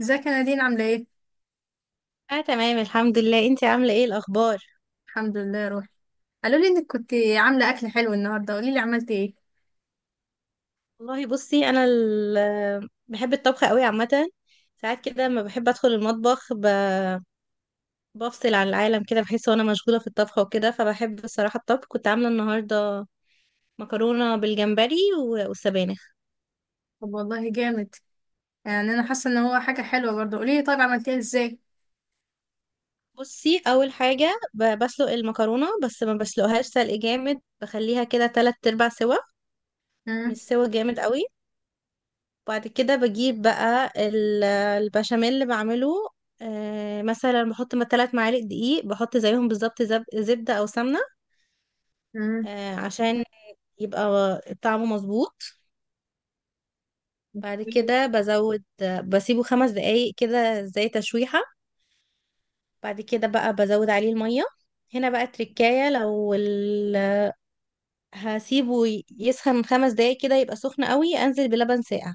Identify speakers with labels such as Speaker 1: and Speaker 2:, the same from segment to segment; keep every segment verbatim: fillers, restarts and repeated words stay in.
Speaker 1: ازيك يا نادين عاملة ايه؟
Speaker 2: اه، تمام، الحمد لله. انتي عامله ايه الاخبار؟
Speaker 1: الحمد لله يا روحي. قالوا لي انك كنت عاملة اكل حلو النهاردة، قولي لي عملتي ايه؟
Speaker 2: والله بصي، انا ال- آه، بحب الطبخ قوي عامه. ساعات كده لما بحب ادخل المطبخ ب- بفصل عن العالم كده، بحس وانا مشغوله في الطبخ وكده، فبحب الصراحه الطبخ. كنت عامله النهارده مكرونه بالجمبري و- والسبانخ.
Speaker 1: طب والله جامد. يعني انا حاسة ان هو حاجة حلوة برضه، قولي لي طيب عملتيها ازاي؟
Speaker 2: بصي، اول حاجه ب- بسلق المكرونه، بس ما بسلقهاش سلق جامد، بخليها كده تلات ارباع سوا، مش
Speaker 1: امم.
Speaker 2: سوا جامد قوي. بعد كده بجيب بقى ال- البشاميل اللي بعمله. آه، مثلا بحط ما تلات معالق دقيق، بحط زيهم بالظبط زب- زبدة أو سمنة،
Speaker 1: امم.
Speaker 2: آه، عشان يبقى طعمه مظبوط. بعد كده بزود، بسيبه خمس دقايق كده زي تشويحة. بعد كده بقى بزود عليه المية. هنا بقى التركاية. لو ال... هسيبه يسخن خمس دقايق كده يبقى سخن قوي، أنزل بلبن ساقع،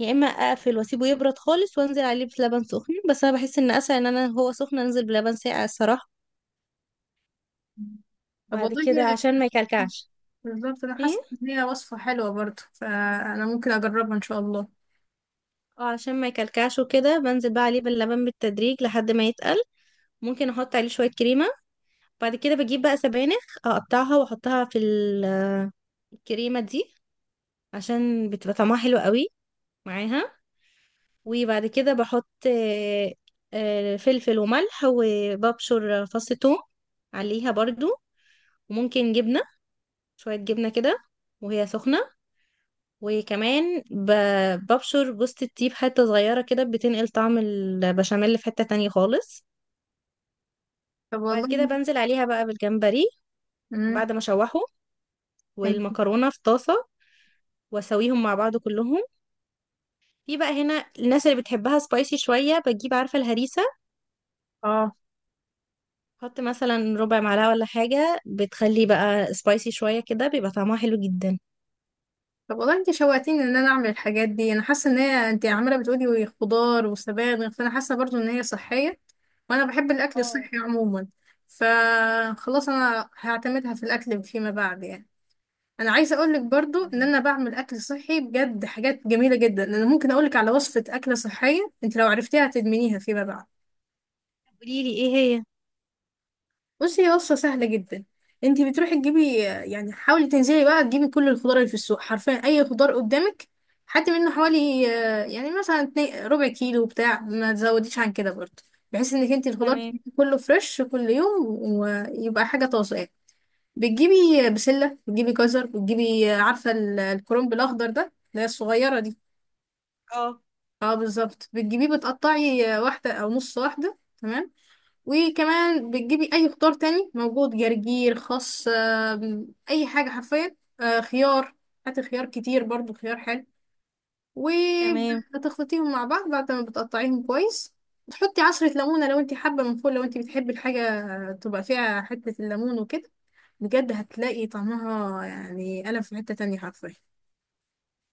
Speaker 2: يا اما اقفل واسيبه يبرد خالص وانزل عليه بلبن سخن، بس انا بحس ان اسهل ان انا هو سخن انزل بلبن ساقع الصراحه.
Speaker 1: طب
Speaker 2: بعد
Speaker 1: والله
Speaker 2: كده عشان ما يكلكعش.
Speaker 1: بالظبط انا
Speaker 2: ايه.
Speaker 1: حاسة ان هي وصفة حلوة برضه، فانا ممكن اجربها ان شاء الله.
Speaker 2: اه، عشان ما يكلكعش وكده بنزل بقى عليه باللبن بالتدريج لحد ما يتقل. ممكن احط عليه شويه كريمه. بعد كده بجيب بقى سبانخ، اقطعها واحطها في ال- الكريمه دي، عشان بتبقى طعمها حلو قوي معاها. وبعد كده بحط آه، آه، فلفل وملح، وببشر فص ثوم عليها برضو. وممكن جبنه، شوية جبنة كده وهي سخنة. وكمان ب- ببشر جوزة الطيب حتة صغيرة كده، بتنقل طعم البشاميل في حتة تانية خالص.
Speaker 1: طب
Speaker 2: بعد كده
Speaker 1: والله.
Speaker 2: بنزل عليها بقى بالجمبري
Speaker 1: امم.
Speaker 2: بعد ما اشوحه، والمكرونة في طاسة، واسويهم مع بعض كلهم. في بقى هنا الناس اللي بتحبها سبايسي شوية، بتجيب، عارفة الهريسة،
Speaker 1: اه.
Speaker 2: حط مثلا ربع معلقة ولا حاجة، بتخلي بقى سبايسي شوية كده، بيبقى طعمها حلو جدا.
Speaker 1: طب والله انت شوقتيني ان انا اعمل الحاجات دي، انا حاسه ان هي، انت عماله بتقولي خضار وسبانخ، فانا حاسه برضو ان هي صحيه، وانا بحب الاكل
Speaker 2: اه.
Speaker 1: الصحي عموما. فخلاص انا هعتمدها في الاكل فيما بعد يعني. انا عايزه اقول لك برضو ان انا بعمل اكل صحي بجد، حاجات جميله جدا. انا ممكن اقول لك على وصفه اكله صحيه، انت لو عرفتيها هتدمنيها فيما بعد.
Speaker 2: قوليلي ايه هي؟
Speaker 1: بصي هي وصفة سهلة جدا. انت بتروحي تجيبي يعني، حاولي تنزلي بقى تجيبي كل الخضار اللي في السوق، حرفيا اي خضار قدامك. حتى منه حوالي آه، يعني مثلا اتنين- ربع كيلو بتاع، ما تزوديش عن كده برضه. بحيث انك انت الخضار
Speaker 2: تمام.
Speaker 1: كله فريش كل يوم، ويبقى حاجة طازة يعني. بتجيبي بسلة، بتجيبي جزر، بتجيبي آه، عارفة ال- الكرنب الأخضر ده اللي هي الصغيرة دي؟
Speaker 2: اه،
Speaker 1: اه بالظبط. بتجيبيه بتقطعي آه، واحدة أو نص واحدة. تمام. وكمان بتجيبي اي خضار تاني موجود، جرجير، خس، آم، اي حاجه حرفيا، آه، خيار. هاتي خيار كتير برضو، خيار حلو.
Speaker 2: تمام.
Speaker 1: وبتخلطيهم مع بعض بعد ما بتقطعيهم كويس. تحطي عصرة ليمونة لو انت حابة من فوق، لو انت بتحبي الحاجة تبقى فيها حتة الليمون وكده. بجد هتلاقي طعمها يعني قلم، في حتة تانية حرفيا.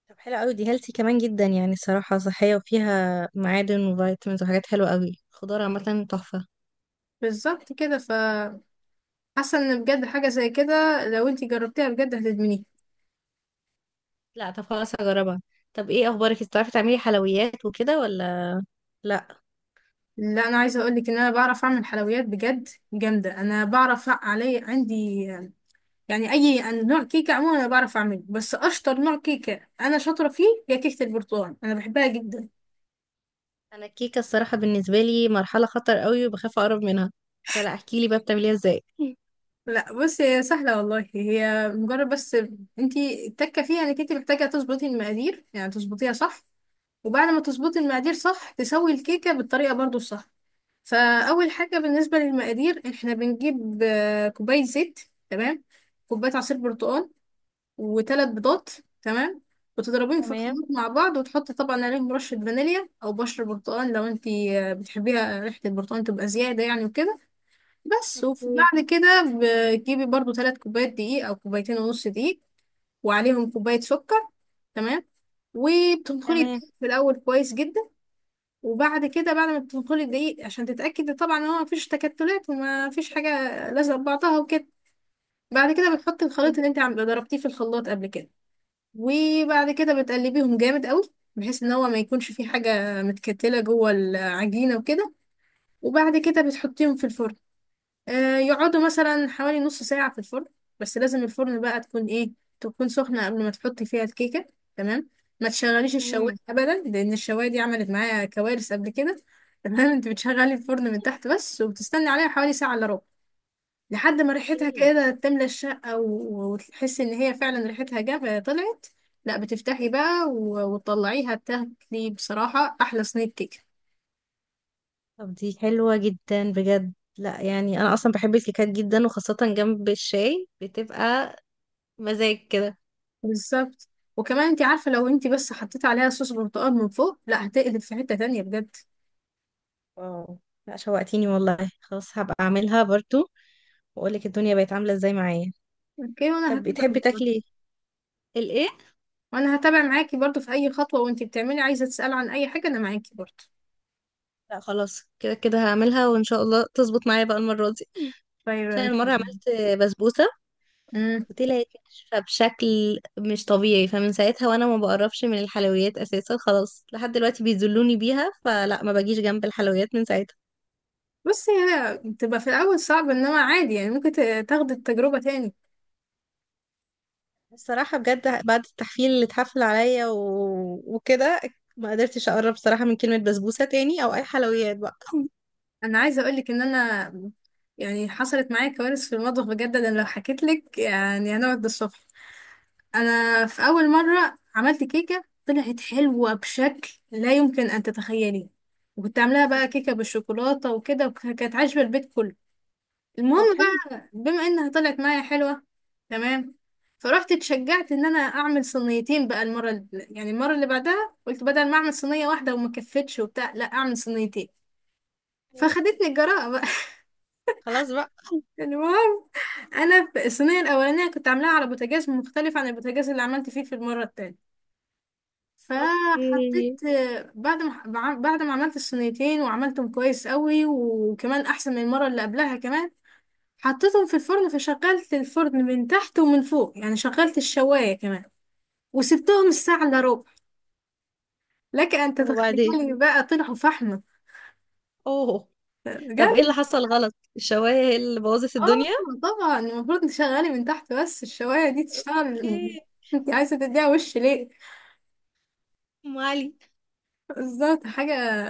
Speaker 2: طب حلو قوي، دي هيلثي كمان جدا يعني، صراحة صحية وفيها معادن وفيتامينز وحاجات حلوة قوي، خضار عامة تحفة.
Speaker 1: بالظبط كده. فحاسة ان بجد حاجة زي كده، لو انت جربتيها بجد هتدمنيها.
Speaker 2: لا طب خلاص، هجربها. طب ايه اخبارك؟ انت بتعرفي تعملي حلويات وكده ولا لا؟
Speaker 1: لا انا عايزه اقول لك ان انا بعرف اعمل حلويات بجد جامده. انا بعرف، علي عندي يعني اي نوع كيكه عموما انا بعرف اعمله، بس اشطر نوع كيكه انا شاطره فيه هي كيكه البرتقال، انا بحبها جدا.
Speaker 2: انا الكيكة الصراحة بالنسبة لي مرحلة خطر قوي، وبخاف اقرب منها، فلا. احكي لي بقى بتعمليها ازاي.
Speaker 1: لا بصي هي سهله والله، هي مجرد بس انتي التكه فيها انك انتي محتاجه تظبطي المقادير، يعني تظبطيها صح. وبعد ما تظبطي المقادير صح تسوي الكيكه بالطريقه برضو الصح. فاول حاجه بالنسبه للمقادير احنا بنجيب آه، كوبايه زيت، تمام، كوبايه عصير برتقال، وثلاث بيضات، تمام، وتضربيهم في
Speaker 2: تمام.
Speaker 1: الخلاط مع بعض. وتحطي طبعا عليهم رشة فانيليا أو بشر برتقال لو انتي آه، بتحبيها ريحة البرتقال تبقى زيادة يعني وكده. بس.
Speaker 2: اوكي.
Speaker 1: وبعد كده بتجيبي برضو ثلاث كوبايات دقيق أو كوبايتين ونص دقيق، وعليهم كوباية سكر. تمام. وبتنخلي
Speaker 2: تمام.
Speaker 1: الدقيق في الأول كويس جدا. وبعد كده بعد ما بتنخلي الدقيق عشان تتأكدي طبعا إن هو مفيش تكتلات ومفيش حاجة لازقة في بعضها وكده. بعد كده بتحطي الخليط اللي انت عم- ضربتيه في الخلاط قبل كده. وبعد كده بتقلبيهم جامد قوي بحيث ان هو ما يكونش فيه حاجة متكتلة جوه العجينة وكده. وبعد كده بتحطيهم في الفرن، آه يقعدوا مثلا حوالي نص ساعة في الفرن. بس لازم الفرن بقى تكون ايه، تكون سخنة قبل ما تحطي فيها الكيكة. تمام. ما تشغليش الشواية
Speaker 2: امم.
Speaker 1: ابدا، لان الشواية دي عملت معايا كوارث قبل كده تمام، انت بتشغلي الفرن من تحت بس وبتستني عليها حوالي ساعة الا ربع، لحد ما ريحتها
Speaker 2: ايه.
Speaker 1: كده تملى الشقة و- وتحس ان هي فعلا ريحتها جا طلعت. لا بتفتحي بقى و- وتطلعيها تاكلي بصراحة احلى صينية كيكة.
Speaker 2: طب دي حلوة جدا بجد. لا يعني انا اصلا بحب الكيكات جدا، وخاصة جنب الشاي بتبقى مزاج كده.
Speaker 1: بالظبط. وكمان انت عارفة لو انت بس حطيتي عليها صوص برتقال من فوق، لا هتقلب في حتة تانية بجد.
Speaker 2: واو. لا شوقتيني والله، خلاص هبقى اعملها برضو، واقولك الدنيا بقت عامله ازاي معايا.
Speaker 1: اوكي وانا
Speaker 2: طب
Speaker 1: هتابع
Speaker 2: بتحبي
Speaker 1: معاكي.
Speaker 2: تاكلي الايه؟
Speaker 1: وانا هتابع معاكي برضو في اي خطوة، وانت بتعملي عايزة تسألي عن اي حاجة انا معاكي برضو.
Speaker 2: لا خلاص، كده كده هعملها وان شاء الله تظبط معايا بقى المره دي. عشان
Speaker 1: طيب.
Speaker 2: المره عملت بسبوسه
Speaker 1: امم.
Speaker 2: وطلعت ناشفه بشكل مش طبيعي، فمن ساعتها وانا ما بقربش من الحلويات اساسا، خلاص لحد دلوقتي بيذلوني بيها، فلا ما باجيش جنب الحلويات من ساعتها.
Speaker 1: بس هي بتبقى في الاول صعب انما عادي يعني، ممكن ت- تاخدي التجربة تاني.
Speaker 2: الصراحه بجد، بعد التحفيل اللي اتحفل عليا و... وكده، ما قدرتش اقرب صراحه من كلمه بسبوسه تاني او اي حلويات بقى.
Speaker 1: انا عايزه اقول لك ان انا يعني حصلت معايا كوارث في المطبخ بجد، انا لو حكيت لك يعني هنقعد للصبح. انا في اول مره عملت كيكه طلعت حلوه بشكل لا يمكن ان تتخيليه. وكنت عاملاها بقى كيكه بالشوكولاته وكده، وكانت عاجبه البيت كله. المهم
Speaker 2: طب حلو.
Speaker 1: بقى بما انها طلعت معايا حلوه، تمام، فرحت اتشجعت ان انا اعمل صينيتين بقى المره اللي يعني المره اللي بعدها. قلت بدل ما اعمل صينيه واحده وما كفتش وبتاع، لا اعمل صينيتين. فخدتني الجراءه بقى.
Speaker 2: خلاص بقى.
Speaker 1: المهم، انا في الصينيه الاولانيه كنت عاملاها على بوتاجاز مختلف عن البوتاجاز اللي عملت فيه في المره التانية.
Speaker 2: اوكي.
Speaker 1: فحطيت، بعد ما بع- بعد ما عملت الصينيتين وعملتهم كويس قوي وكمان احسن من المره اللي قبلها كمان، حطيتهم في الفرن. فشغلت الفرن من تحت ومن فوق، يعني شغلت الشوايه كمان. وسبتهم الساعه الا ربع، لك ان تتخيلي
Speaker 2: وبعدين.
Speaker 1: بقى طلعوا فحمه
Speaker 2: اوه. طب ايه اللي
Speaker 1: بجد.
Speaker 2: حصل غلط؟ الشواية هي اللي بوظت
Speaker 1: اه
Speaker 2: الدنيا؟
Speaker 1: طبعا المفروض تشغلي من تحت بس، الشوايه دي تشتغل
Speaker 2: اوكي.
Speaker 1: انت عايزه تديها وش ليه.
Speaker 2: ام علي.
Speaker 1: بالظبط حاجة.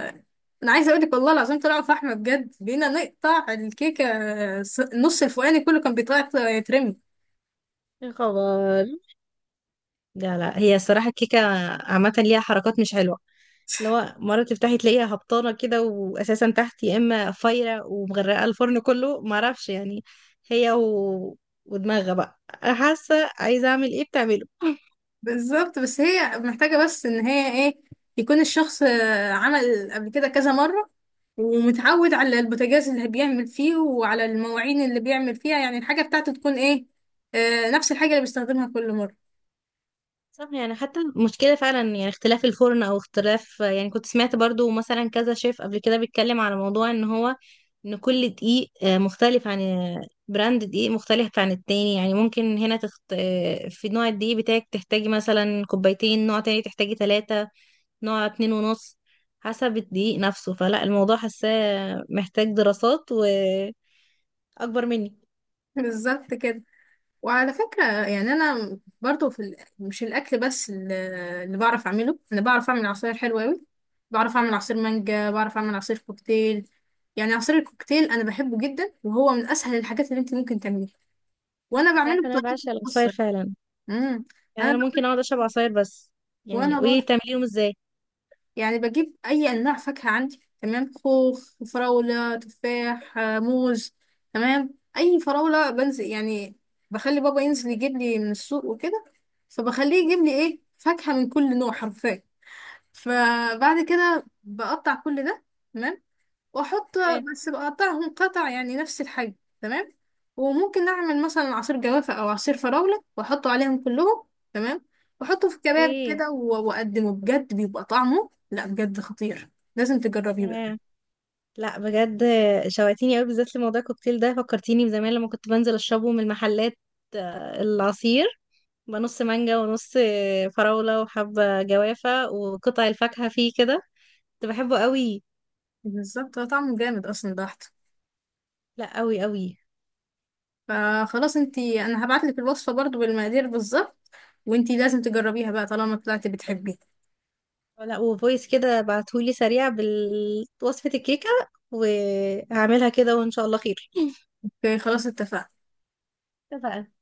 Speaker 1: أنا عايزة أقولك والله العظيم طلعوا فحمة بجد، بقينا نقطع الكيكة، ص- النص الفوقاني كله كان بيطلع يترمي.
Speaker 2: يا خبر. لا لا، هي الصراحة الكيكة عامة ليها حركات مش حلوة. لو مرة تفتحي تلاقيها هبطانة كده، وأساسا تحت يا إما فايرة ومغرقة الفرن كله، معرفش يعني. هي و... ودماغها بقى، أنا حاسة عايزة أعمل إيه بتعمله.
Speaker 1: بالظبط بس هي محتاجة بس إن هي إيه، يكون الشخص آه، عمل قبل كده كذا مرة ومتعود على البوتاجاز اللي بيعمل فيه وعلى المواعين اللي بيعمل فيها، يعني الحاجة بتاعته تكون إيه، آه، نفس الحاجة اللي بيستخدمها كل مرة.
Speaker 2: صح، يعني حتى المشكلة فعلا يعني اختلاف الفرن، او اختلاف يعني. كنت سمعت برضو مثلا كذا شيف قبل كده بيتكلم على موضوع ان هو، ان كل دقيق آه، مختلف عن آه، براند دقيق، مختلف عن التاني. يعني ممكن هنا تخت... آه، في نوع الدقيق بتاعك تحتاجي مثلا كوبايتين، نوع تاني تحتاجي ثلاثة، نوع اتنين ونص، حسب الدقيق نفسه. فلا الموضوع حاساه محتاج دراسات، واكبر مني.
Speaker 1: بالظبط كده. وعلى فكرة يعني أنا برضو في ال... مش الأكل بس ال- اللي بعرف أعمله، أنا بعرف أعمل عصاير حلوة أوي. بعرف أعمل عصير مانجا، بعرف أعمل عصير كوكتيل. يعني عصير الكوكتيل أنا بحبه جدا، وهو من أسهل الحاجات اللي أنت ممكن تعمليها. وأنا
Speaker 2: انت عارفة
Speaker 1: بعمله
Speaker 2: إن انا
Speaker 1: بطريقتي
Speaker 2: بعشق العصاير
Speaker 1: الخاصة.
Speaker 2: فعلا؟
Speaker 1: امم.
Speaker 2: يعني
Speaker 1: أنا
Speaker 2: انا ممكن اقعد اشرب عصاير بس. يعني
Speaker 1: وأنا
Speaker 2: قولي لي
Speaker 1: برضو
Speaker 2: بتعمليهم ازاي.
Speaker 1: يعني بجيب أي أنواع فاكهة عندي، تمام، خوخ، فراولة، تفاح، آه، موز، تمام، أي فراولة بنزل يعني، بخلي بابا ينزل يجيب لي من السوق وكده. فبخليه يجيب لي إيه فاكهة من كل نوع حرفيا. فبعد كده بقطع كل ده، تمام، واحط،
Speaker 2: تمام.
Speaker 1: بس بقطعهم قطع يعني نفس الحجم، تمام. وممكن اعمل مثلا عصير جوافة او عصير فراولة واحطه عليهم كلهم، تمام، واحطه في كباب
Speaker 2: اوكي.
Speaker 1: كده و- واقدمه، بجد بيبقى طعمه لا بجد خطير. لازم تجربيه بقى.
Speaker 2: ياه. لا بجد شوقتيني قوي، بالذات لموضوع الكوكتيل ده. فكرتيني بزمان لما كنت بنزل اشربه من المحلات، آه، العصير بقى نص مانجا ونص فراولة وحبة جوافة وقطع الفاكهة فيه كده. كنت بحبه قوي.
Speaker 1: بالظبط هو طعمه جامد اصلا بحت.
Speaker 2: لا قوي قوي.
Speaker 1: فخلاص انتي انا هبعتلك الوصفة برضو بالمقادير بالظبط، وانتي لازم تجربيها بقى طالما طلعتي بتحبيها.
Speaker 2: لا وفويس كده بعتهولي سريع بوصفة الكيكة، وهعملها كده وان شاء الله خير.
Speaker 1: اوكي خلاص اتفقنا.
Speaker 2: اتفقنا.